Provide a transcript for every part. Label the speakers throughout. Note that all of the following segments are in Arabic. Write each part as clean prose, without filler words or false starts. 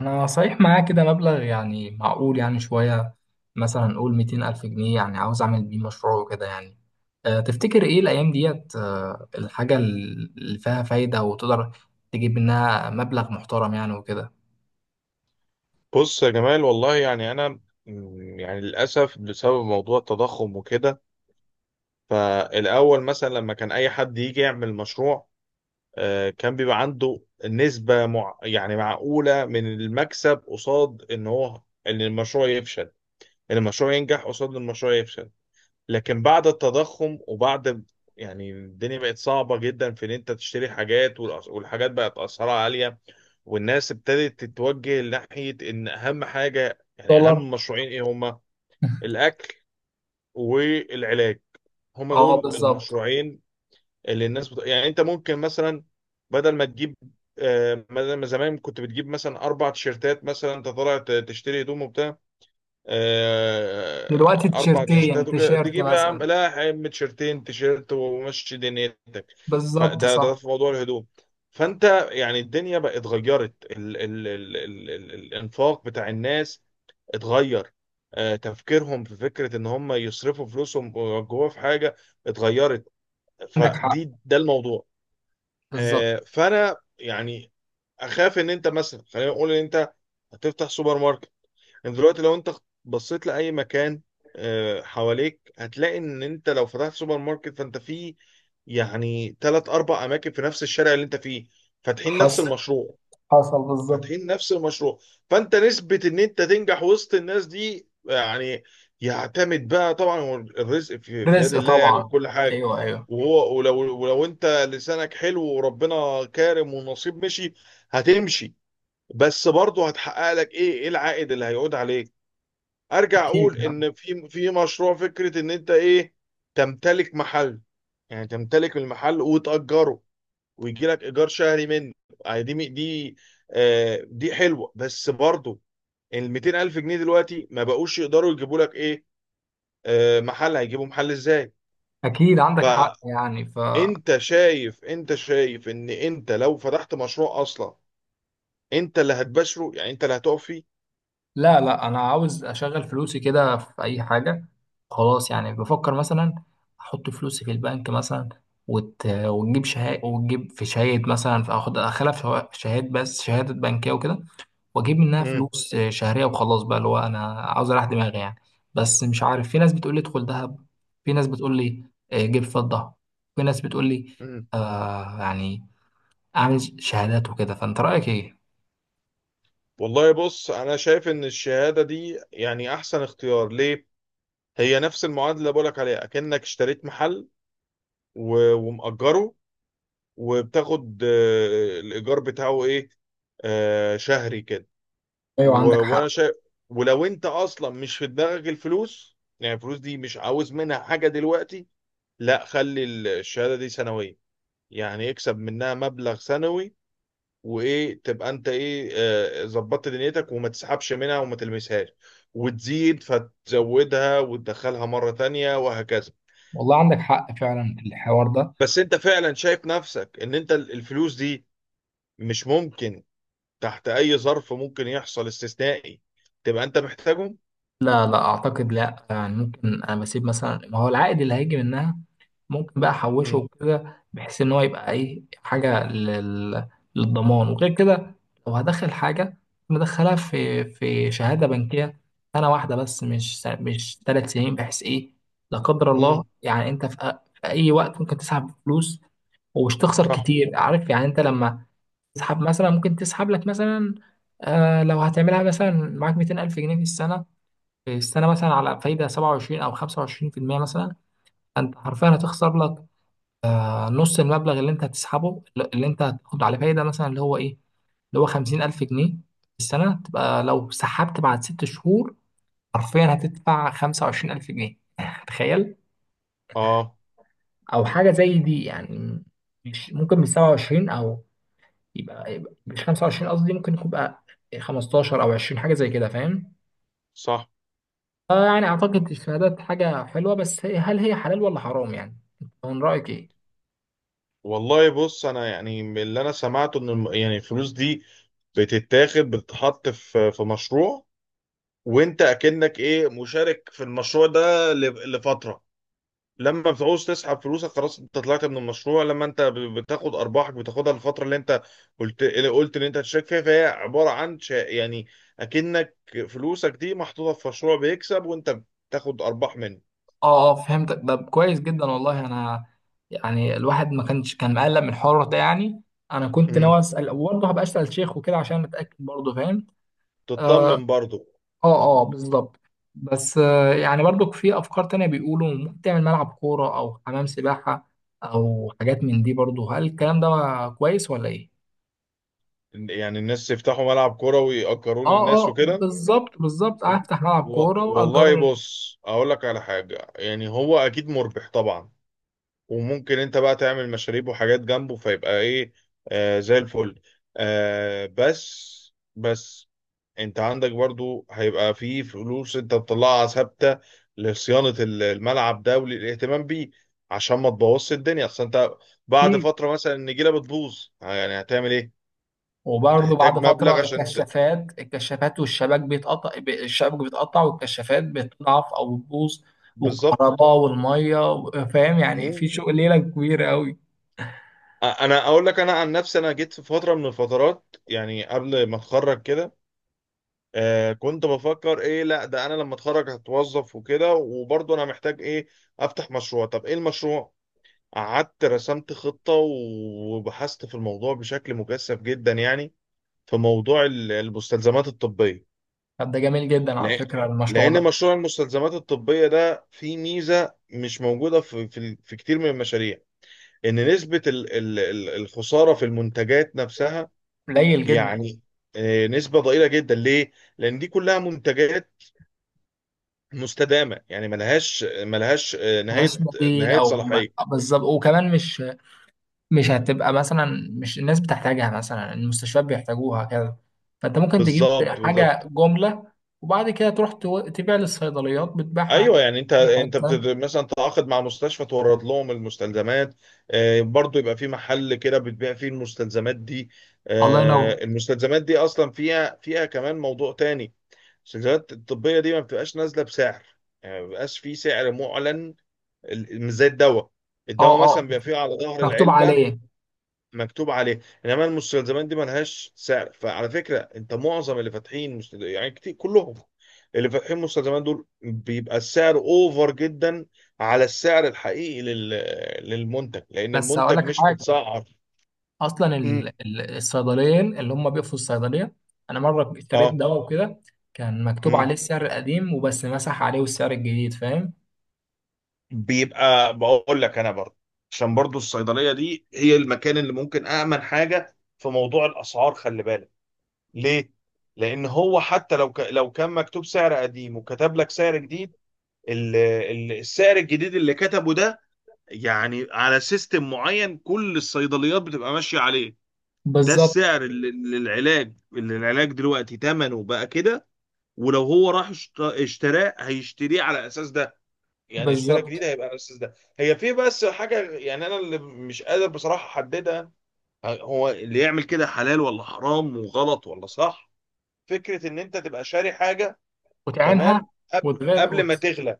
Speaker 1: انا صحيح معايا كده مبلغ يعني معقول، يعني شوية، مثلا نقول 200 ألف جنيه، يعني عاوز أعمل بيه مشروع وكده يعني. تفتكر إيه الأيام ديت، الحاجة اللي فيها فايدة وتقدر تجيب منها مبلغ محترم يعني وكده.
Speaker 2: بص يا جمال، والله يعني انا يعني للاسف بسبب موضوع التضخم وكده. فالاول مثلا لما كان اي حد يجي يعمل مشروع، كان بيبقى عنده نسبه مع يعني معقوله من المكسب قصاد ان هو ان المشروع يفشل ان المشروع ينجح قصاد ان المشروع يفشل. لكن بعد التضخم وبعد يعني الدنيا بقت صعبه جدا في ان انت تشتري حاجات، والحاجات بقت اسعارها عاليه، والناس ابتدت تتوجه ناحية إن أهم حاجة، يعني
Speaker 1: دولار.
Speaker 2: أهم مشروعين إيه هما؟ الأكل والعلاج، هما
Speaker 1: اه،
Speaker 2: دول
Speaker 1: بالظبط.
Speaker 2: المشروعين اللي الناس يعني. أنت ممكن مثلا بدل ما تجيب، بدل ما زمان كنت بتجيب مثلا أربع تيشيرتات، مثلا أنت طالع تشتري هدوم وبتاع،
Speaker 1: دلوقتي
Speaker 2: اربع
Speaker 1: تيشيرتين، يعني
Speaker 2: تيشيرتات وكده،
Speaker 1: تيشيرت
Speaker 2: تجيب يا عم
Speaker 1: مثلا.
Speaker 2: لا يا عم تيشيرتين، تيشيرت ومشي دنيتك.
Speaker 1: بالظبط،
Speaker 2: فده
Speaker 1: صح.
Speaker 2: ده في موضوع الهدوم. فانت يعني الدنيا بقت اتغيرت، ال الانفاق بتاع الناس اتغير، تفكيرهم في فكرة ان هم يصرفوا فلوسهم جوه في حاجة اتغيرت.
Speaker 1: عندك حق،
Speaker 2: فدي ده الموضوع.
Speaker 1: بالظبط.
Speaker 2: فانا يعني اخاف ان انت مثلا، خلينا نقول ان انت هتفتح سوبر ماركت. يعني دلوقتي لو انت بصيت لاي مكان حواليك، هتلاقي ان انت لو فتحت سوبر ماركت فانت في يعني ثلاث اربع اماكن في نفس الشارع اللي انت فيه فاتحين نفس
Speaker 1: حصل،
Speaker 2: المشروع،
Speaker 1: حصل بالظبط.
Speaker 2: فاتحين نفس المشروع. فانت نسبة ان انت تنجح وسط الناس دي يعني يعتمد بقى. طبعا هو الرزق في يد
Speaker 1: رزق
Speaker 2: الله يعني
Speaker 1: طبعا.
Speaker 2: وكل حاجة،
Speaker 1: ايوه، ايوه.
Speaker 2: وهو ولو انت لسانك حلو وربنا كارم والنصيب مشي، هتمشي. بس برضه هتحقق لك ايه العائد اللي هيعود عليك؟ ارجع
Speaker 1: اكيد.
Speaker 2: اقول ان في في مشروع، فكره ان انت ايه؟ تمتلك محل. يعني تمتلك المحل وتأجره ويجي لك ايجار شهري منه. يعني دي آه دي حلوه، بس برضه ال 200 الف جنيه دلوقتي ما بقوش يقدروا يجيبوا لك ايه؟ آه، محل. هيجيبوا محل ازاي؟
Speaker 1: اكيد عندك حق يعني.
Speaker 2: فانت شايف، انت شايف ان انت لو فتحت مشروع اصلا انت اللي هتبشره، يعني انت اللي هتقف فيه.
Speaker 1: لا، لا، انا عاوز اشغل فلوسي كده في اي حاجه. خلاص يعني، بفكر مثلا احط فلوسي في البنك مثلا، وتجيب شهاده، وتجيب في شهاده مثلا، فاخد اخلها في شهاده، بس شهاده بنكيه وكده، واجيب منها
Speaker 2: مم.
Speaker 1: فلوس شهريه وخلاص بقى، اللي هو انا عاوز اريح دماغي يعني. بس مش عارف، في ناس بتقول لي ادخل ذهب، في ناس بتقول لي جيب فضه، في ناس بتقول لي
Speaker 2: مم.
Speaker 1: يعني اعمل شهادات وكده. فانت رايك ايه؟
Speaker 2: والله بص، انا شايف ان الشهاده دي يعني احسن اختيار ليه؟ هي نفس المعادله اللي بقولك عليها، اكنك اشتريت محل ومأجره وبتاخد الايجار بتاعه ايه؟ آه، شهري كده.
Speaker 1: ايوه، عندك
Speaker 2: وانا
Speaker 1: حق.
Speaker 2: شايف، ولو انت اصلا مش في دماغك الفلوس، يعني الفلوس دي مش عاوز منها حاجه دلوقتي، لا، خلي الشهاده دي سنويه، يعني اكسب منها مبلغ سنوي. وايه تبقى انت ايه ظبطت دنيتك وما تسحبش منها وما تلمسهاش، وتزيد فتزودها وتدخلها مره تانية وهكذا.
Speaker 1: والله، عندك حق فعلا الحوار ده.
Speaker 2: بس انت فعلا شايف نفسك ان انت الفلوس دي مش ممكن تحت اي ظرف ممكن يحصل استثنائي تبقى انت محتاجهم؟
Speaker 1: لا، لا اعتقد، لا يعني ممكن، انا بسيب مثلا ما هو العائد اللي هيجي منها، ممكن بقى احوشه
Speaker 2: امم.
Speaker 1: وكده بحيث ان هو يبقى ايه، حاجه للضمان وغير كده. لو هدخل حاجه مدخلها في شهاده بنكيه سنه واحده بس، مش 3 سنين، بحيث ايه لا قدر الله
Speaker 2: امم.
Speaker 1: يعني انت في اي وقت ممكن تسحب فلوس ومش تخسر
Speaker 2: صح.
Speaker 1: كتير. عارف يعني، انت لما تسحب مثلا، ممكن تسحب لك مثلا، آه لو هتعملها مثلا معاك 200,000 جنيه في السنة، في السنة، مثلا على فايدة 27 أو 25% مثلا، أنت حرفيا هتخسر لك نص المبلغ اللي أنت هتسحبه، اللي أنت هتاخد عليه فايدة، مثلا اللي هو إيه، اللي هو 50,000 جنيه في السنة. تبقى لو سحبت بعد 6 شهور حرفيا هتدفع 25,000 جنيه تخيل.
Speaker 2: اه.
Speaker 1: أو حاجة زي دي يعني. مش ممكن من 27 أو يبقى مش 25، قصدي ممكن يكون بقى 15 أو 20، حاجة زي كده فاهم.
Speaker 2: صح.
Speaker 1: يعني أعتقد الشهادات حاجة حلوة، بس هل هي حلال ولا حرام يعني؟ من رأيك إيه؟
Speaker 2: والله بص، انا يعني من اللي انا سمعته ان يعني الفلوس دي بتتاخد بتتحط في في مشروع، وانت اكنك ايه مشارك في المشروع ده لفترة. لما بتعوز تسحب فلوسك خلاص انت طلعت من المشروع. لما انت بتاخد ارباحك، بتاخدها الفتره اللي انت قلت اللي قلت ان انت هتشارك فيها. فهي عباره عن يعني اكنك فلوسك دي محطوطه في مشروع بيكسب وانت بتاخد ارباح منه.
Speaker 1: اه، اه فهمتك، ده كويس جدا والله، انا يعني الواحد ما كانش كان مقلق من الحوار ده يعني. أنا كنت
Speaker 2: امم.
Speaker 1: ناوي أسأل، برضه هبقى أسأل شيخ وكده عشان أتأكد، برضه فاهم؟ اه.
Speaker 2: تطمن برضو.
Speaker 1: اه. آه، بالظبط. بس يعني برضو في افكار تانية بيقولوا ممكن تعمل ملعب كورة او حمام سباحة او حاجات من دي برضو، هل الكلام ده كويس ولا ايه؟
Speaker 2: يعني الناس يفتحوا ملعب كوره ويأجروه
Speaker 1: اه،
Speaker 2: للناس
Speaker 1: اه،
Speaker 2: وكده.
Speaker 1: بالظبط، بالظبط، هفتح ملعب كورة
Speaker 2: والله
Speaker 1: وأجره.
Speaker 2: بص، اقول لك على حاجه. يعني هو اكيد مربح طبعا، وممكن انت بقى تعمل مشاريب وحاجات جنبه فيبقى ايه آه زي الفل. آه بس، بس انت عندك برضو هيبقى في فلوس انت بتطلعها ثابتة لصيانة الملعب ده وللاهتمام بيه عشان ما تبوظش الدنيا. اصل انت بعد فترة مثلا النجيلة بتبوظ، يعني هتعمل ايه؟
Speaker 1: وبرضه
Speaker 2: تحتاج
Speaker 1: بعد
Speaker 2: مبلغ
Speaker 1: فترة
Speaker 2: عشان
Speaker 1: الكشافات، الكشافات والشبك الشبك بيتقطع والكشافات بتضعف أو بتبوظ،
Speaker 2: بالظبط.
Speaker 1: والكهرباء والمية فاهم يعني في
Speaker 2: مم.
Speaker 1: شغل ليلة كبيرة أوي.
Speaker 2: انا اقول لك انا عن نفسي، انا جيت في فترة من الفترات يعني قبل ما اتخرج كده، آه كنت بفكر ايه. لا ده انا لما اتخرج هتوظف وكده، وبرضه انا محتاج ايه افتح مشروع. طب ايه المشروع؟ قعدت رسمت خطة وبحثت في الموضوع بشكل مكثف جدا يعني، في موضوع المستلزمات الطبية.
Speaker 1: طب ده جميل جدا على
Speaker 2: لأ-
Speaker 1: فكرة المشروع
Speaker 2: لان
Speaker 1: ده.
Speaker 2: مشروع المستلزمات الطبية ده فيه ميزة مش موجودة في كتير من المشاريع. ان نسبة الخسارة في المنتجات نفسها
Speaker 1: قليل جدا.
Speaker 2: يعني نسبة ضئيلة جدا. ليه؟ لأن دي كلها منتجات مستدامه، يعني ملهاش
Speaker 1: ملهاش
Speaker 2: نهايه،
Speaker 1: بديل
Speaker 2: نهايه
Speaker 1: أو
Speaker 2: صلاحيه.
Speaker 1: بالظبط. وكمان مش، مش هتبقى مثلا، مش الناس بتحتاجها مثلا، المستشفيات بيحتاجوها كده، فأنت ممكن تجيب
Speaker 2: بالظبط،
Speaker 1: حاجة
Speaker 2: بالظبط.
Speaker 1: جملة وبعد كده تروح تبيع للصيدليات، بتبيعها
Speaker 2: ايوه، يعني انت
Speaker 1: في أي
Speaker 2: انت
Speaker 1: حتة.
Speaker 2: مثلا تعاقد مع مستشفى تورد لهم المستلزمات، برضو يبقى في محل كده بتبيع فيه المستلزمات دي.
Speaker 1: الله ينور.
Speaker 2: المستلزمات دي اصلا فيها كمان موضوع تاني. المستلزمات الطبيه دي ما بتبقاش نازله بسعر، يعني ما بيبقاش في سعر معلن، مش زي الدواء. الدواء
Speaker 1: اه.
Speaker 2: مثلا
Speaker 1: آه.
Speaker 2: بيبقى فيه على ظهر
Speaker 1: مكتوب
Speaker 2: العلبه
Speaker 1: عليه.
Speaker 2: مكتوب عليه، انما المستلزمات دي ملهاش سعر. فعلى فكره انت معظم اللي فاتحين يعني كتير، كلهم اللي فاتحين مستلزمات دول بيبقى السعر اوفر جدا على السعر الحقيقي للمنتج، لان
Speaker 1: بس هقول
Speaker 2: المنتج
Speaker 1: لك
Speaker 2: مش
Speaker 1: حاجه،
Speaker 2: متسعر.
Speaker 1: اصلا
Speaker 2: امم.
Speaker 1: الصيدليين اللي هم بيقفوا الصيدليه. انا مره اشتريت
Speaker 2: اه.
Speaker 1: دواء وكده، كان مكتوب
Speaker 2: امم.
Speaker 1: عليه السعر القديم وبس، مسح عليه السعر الجديد فاهم.
Speaker 2: بيبقى بقول لك انا برضه عشان برضه الصيدليه دي هي المكان اللي ممكن امن حاجه في موضوع الاسعار. خلي بالك ليه؟ لان هو حتى لو لو كان مكتوب سعر قديم وكتب لك سعر جديد، السعر الجديد اللي كتبه ده يعني على سيستم معين كل الصيدليات بتبقى ماشية عليه. ده
Speaker 1: بالظبط،
Speaker 2: السعر اللي العلاج، اللي العلاج دلوقتي ثمنه بقى كده، ولو هو راح اشتراه هيشتريه على اساس ده. يعني اشترى
Speaker 1: بالظبط،
Speaker 2: جديد هيبقى على اساس ده. هي في بس حاجة يعني انا اللي مش قادر بصراحة احددها، هو اللي يعمل كده حلال ولا حرام، وغلط ولا صح. فكرة ان انت تبقى شاري حاجة.
Speaker 1: وتعينها،
Speaker 2: تمام. قبل
Speaker 1: وتغير
Speaker 2: قبل ما تغلى،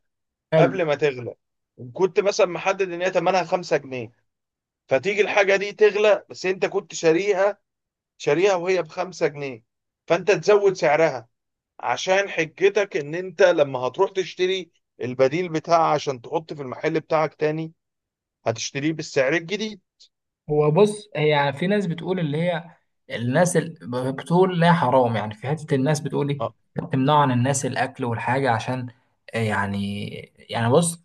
Speaker 1: حلو.
Speaker 2: قبل ما تغلى، كنت مثلا محدد ان هي ثمنها 5 جنيه، فتيجي الحاجه دي تغلى بس انت كنت شاريها، شاريها وهي ب 5 جنيه، فانت تزود سعرها عشان حجتك ان انت لما هتروح تشتري البديل بتاعها عشان تحط في المحل بتاعك تاني هتشتريه بالسعر الجديد.
Speaker 1: هو بص، هي في ناس بتقول اللي هي الناس بتقول لا حرام، يعني في حتة، الناس بتقول ايه،
Speaker 2: اه.
Speaker 1: بتمنعوا عن الناس الاكل والحاجة عشان يعني بص،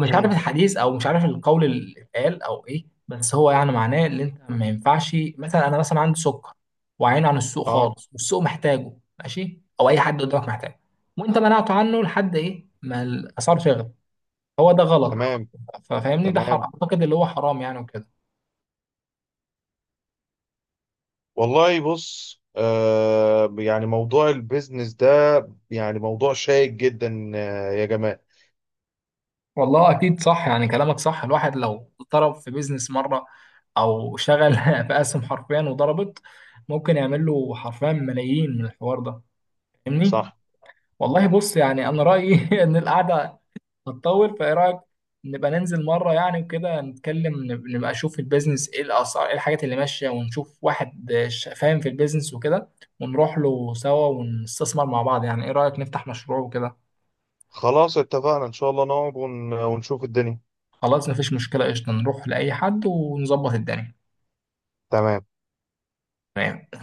Speaker 1: مش عارف
Speaker 2: امم.
Speaker 1: الحديث او مش عارف القول اللي اتقال او ايه، بس هو يعني معناه ان انت ما ينفعش، مثلا انا مثلا عندي سكر وعين عن السوق
Speaker 2: اه.
Speaker 1: خالص والسوق محتاجه ماشي، او اي حد قدامك محتاجه وانت منعته عنه لحد ايه ما الاسعار تغلى، هو ده غلط.
Speaker 2: تمام.
Speaker 1: ففاهمني ده
Speaker 2: تمام.
Speaker 1: اعتقد اللي هو حرام يعني وكده.
Speaker 2: والله بص، يعني موضوع البيزنس ده يعني موضوع شائك جدا، يا جماعة.
Speaker 1: والله اكيد صح يعني كلامك صح. الواحد لو ضرب في بيزنس مره او شغل في اسهم حرفيا وضربت، ممكن يعمل له حرفيا ملايين من الحوار ده، فاهمني.
Speaker 2: صح.
Speaker 1: والله بص، يعني انا رايي ان القعده هتطول، فايه رايك نبقى ننزل مره، يعني وكده نتكلم، نبقى نشوف البيزنس ايه، الاسعار ايه، الحاجات اللي ماشيه، ونشوف واحد فاهم في البيزنس وكده، ونروح له سوا ونستثمر مع بعض. يعني ايه رايك نفتح مشروع وكده.
Speaker 2: خلاص اتفقنا ان شاء الله، نقعد ونشوف الدنيا.
Speaker 1: خلاص مفيش مشكله، قشطه، نروح لاي حد ونظبط الدنيا.
Speaker 2: تمام.
Speaker 1: تمام.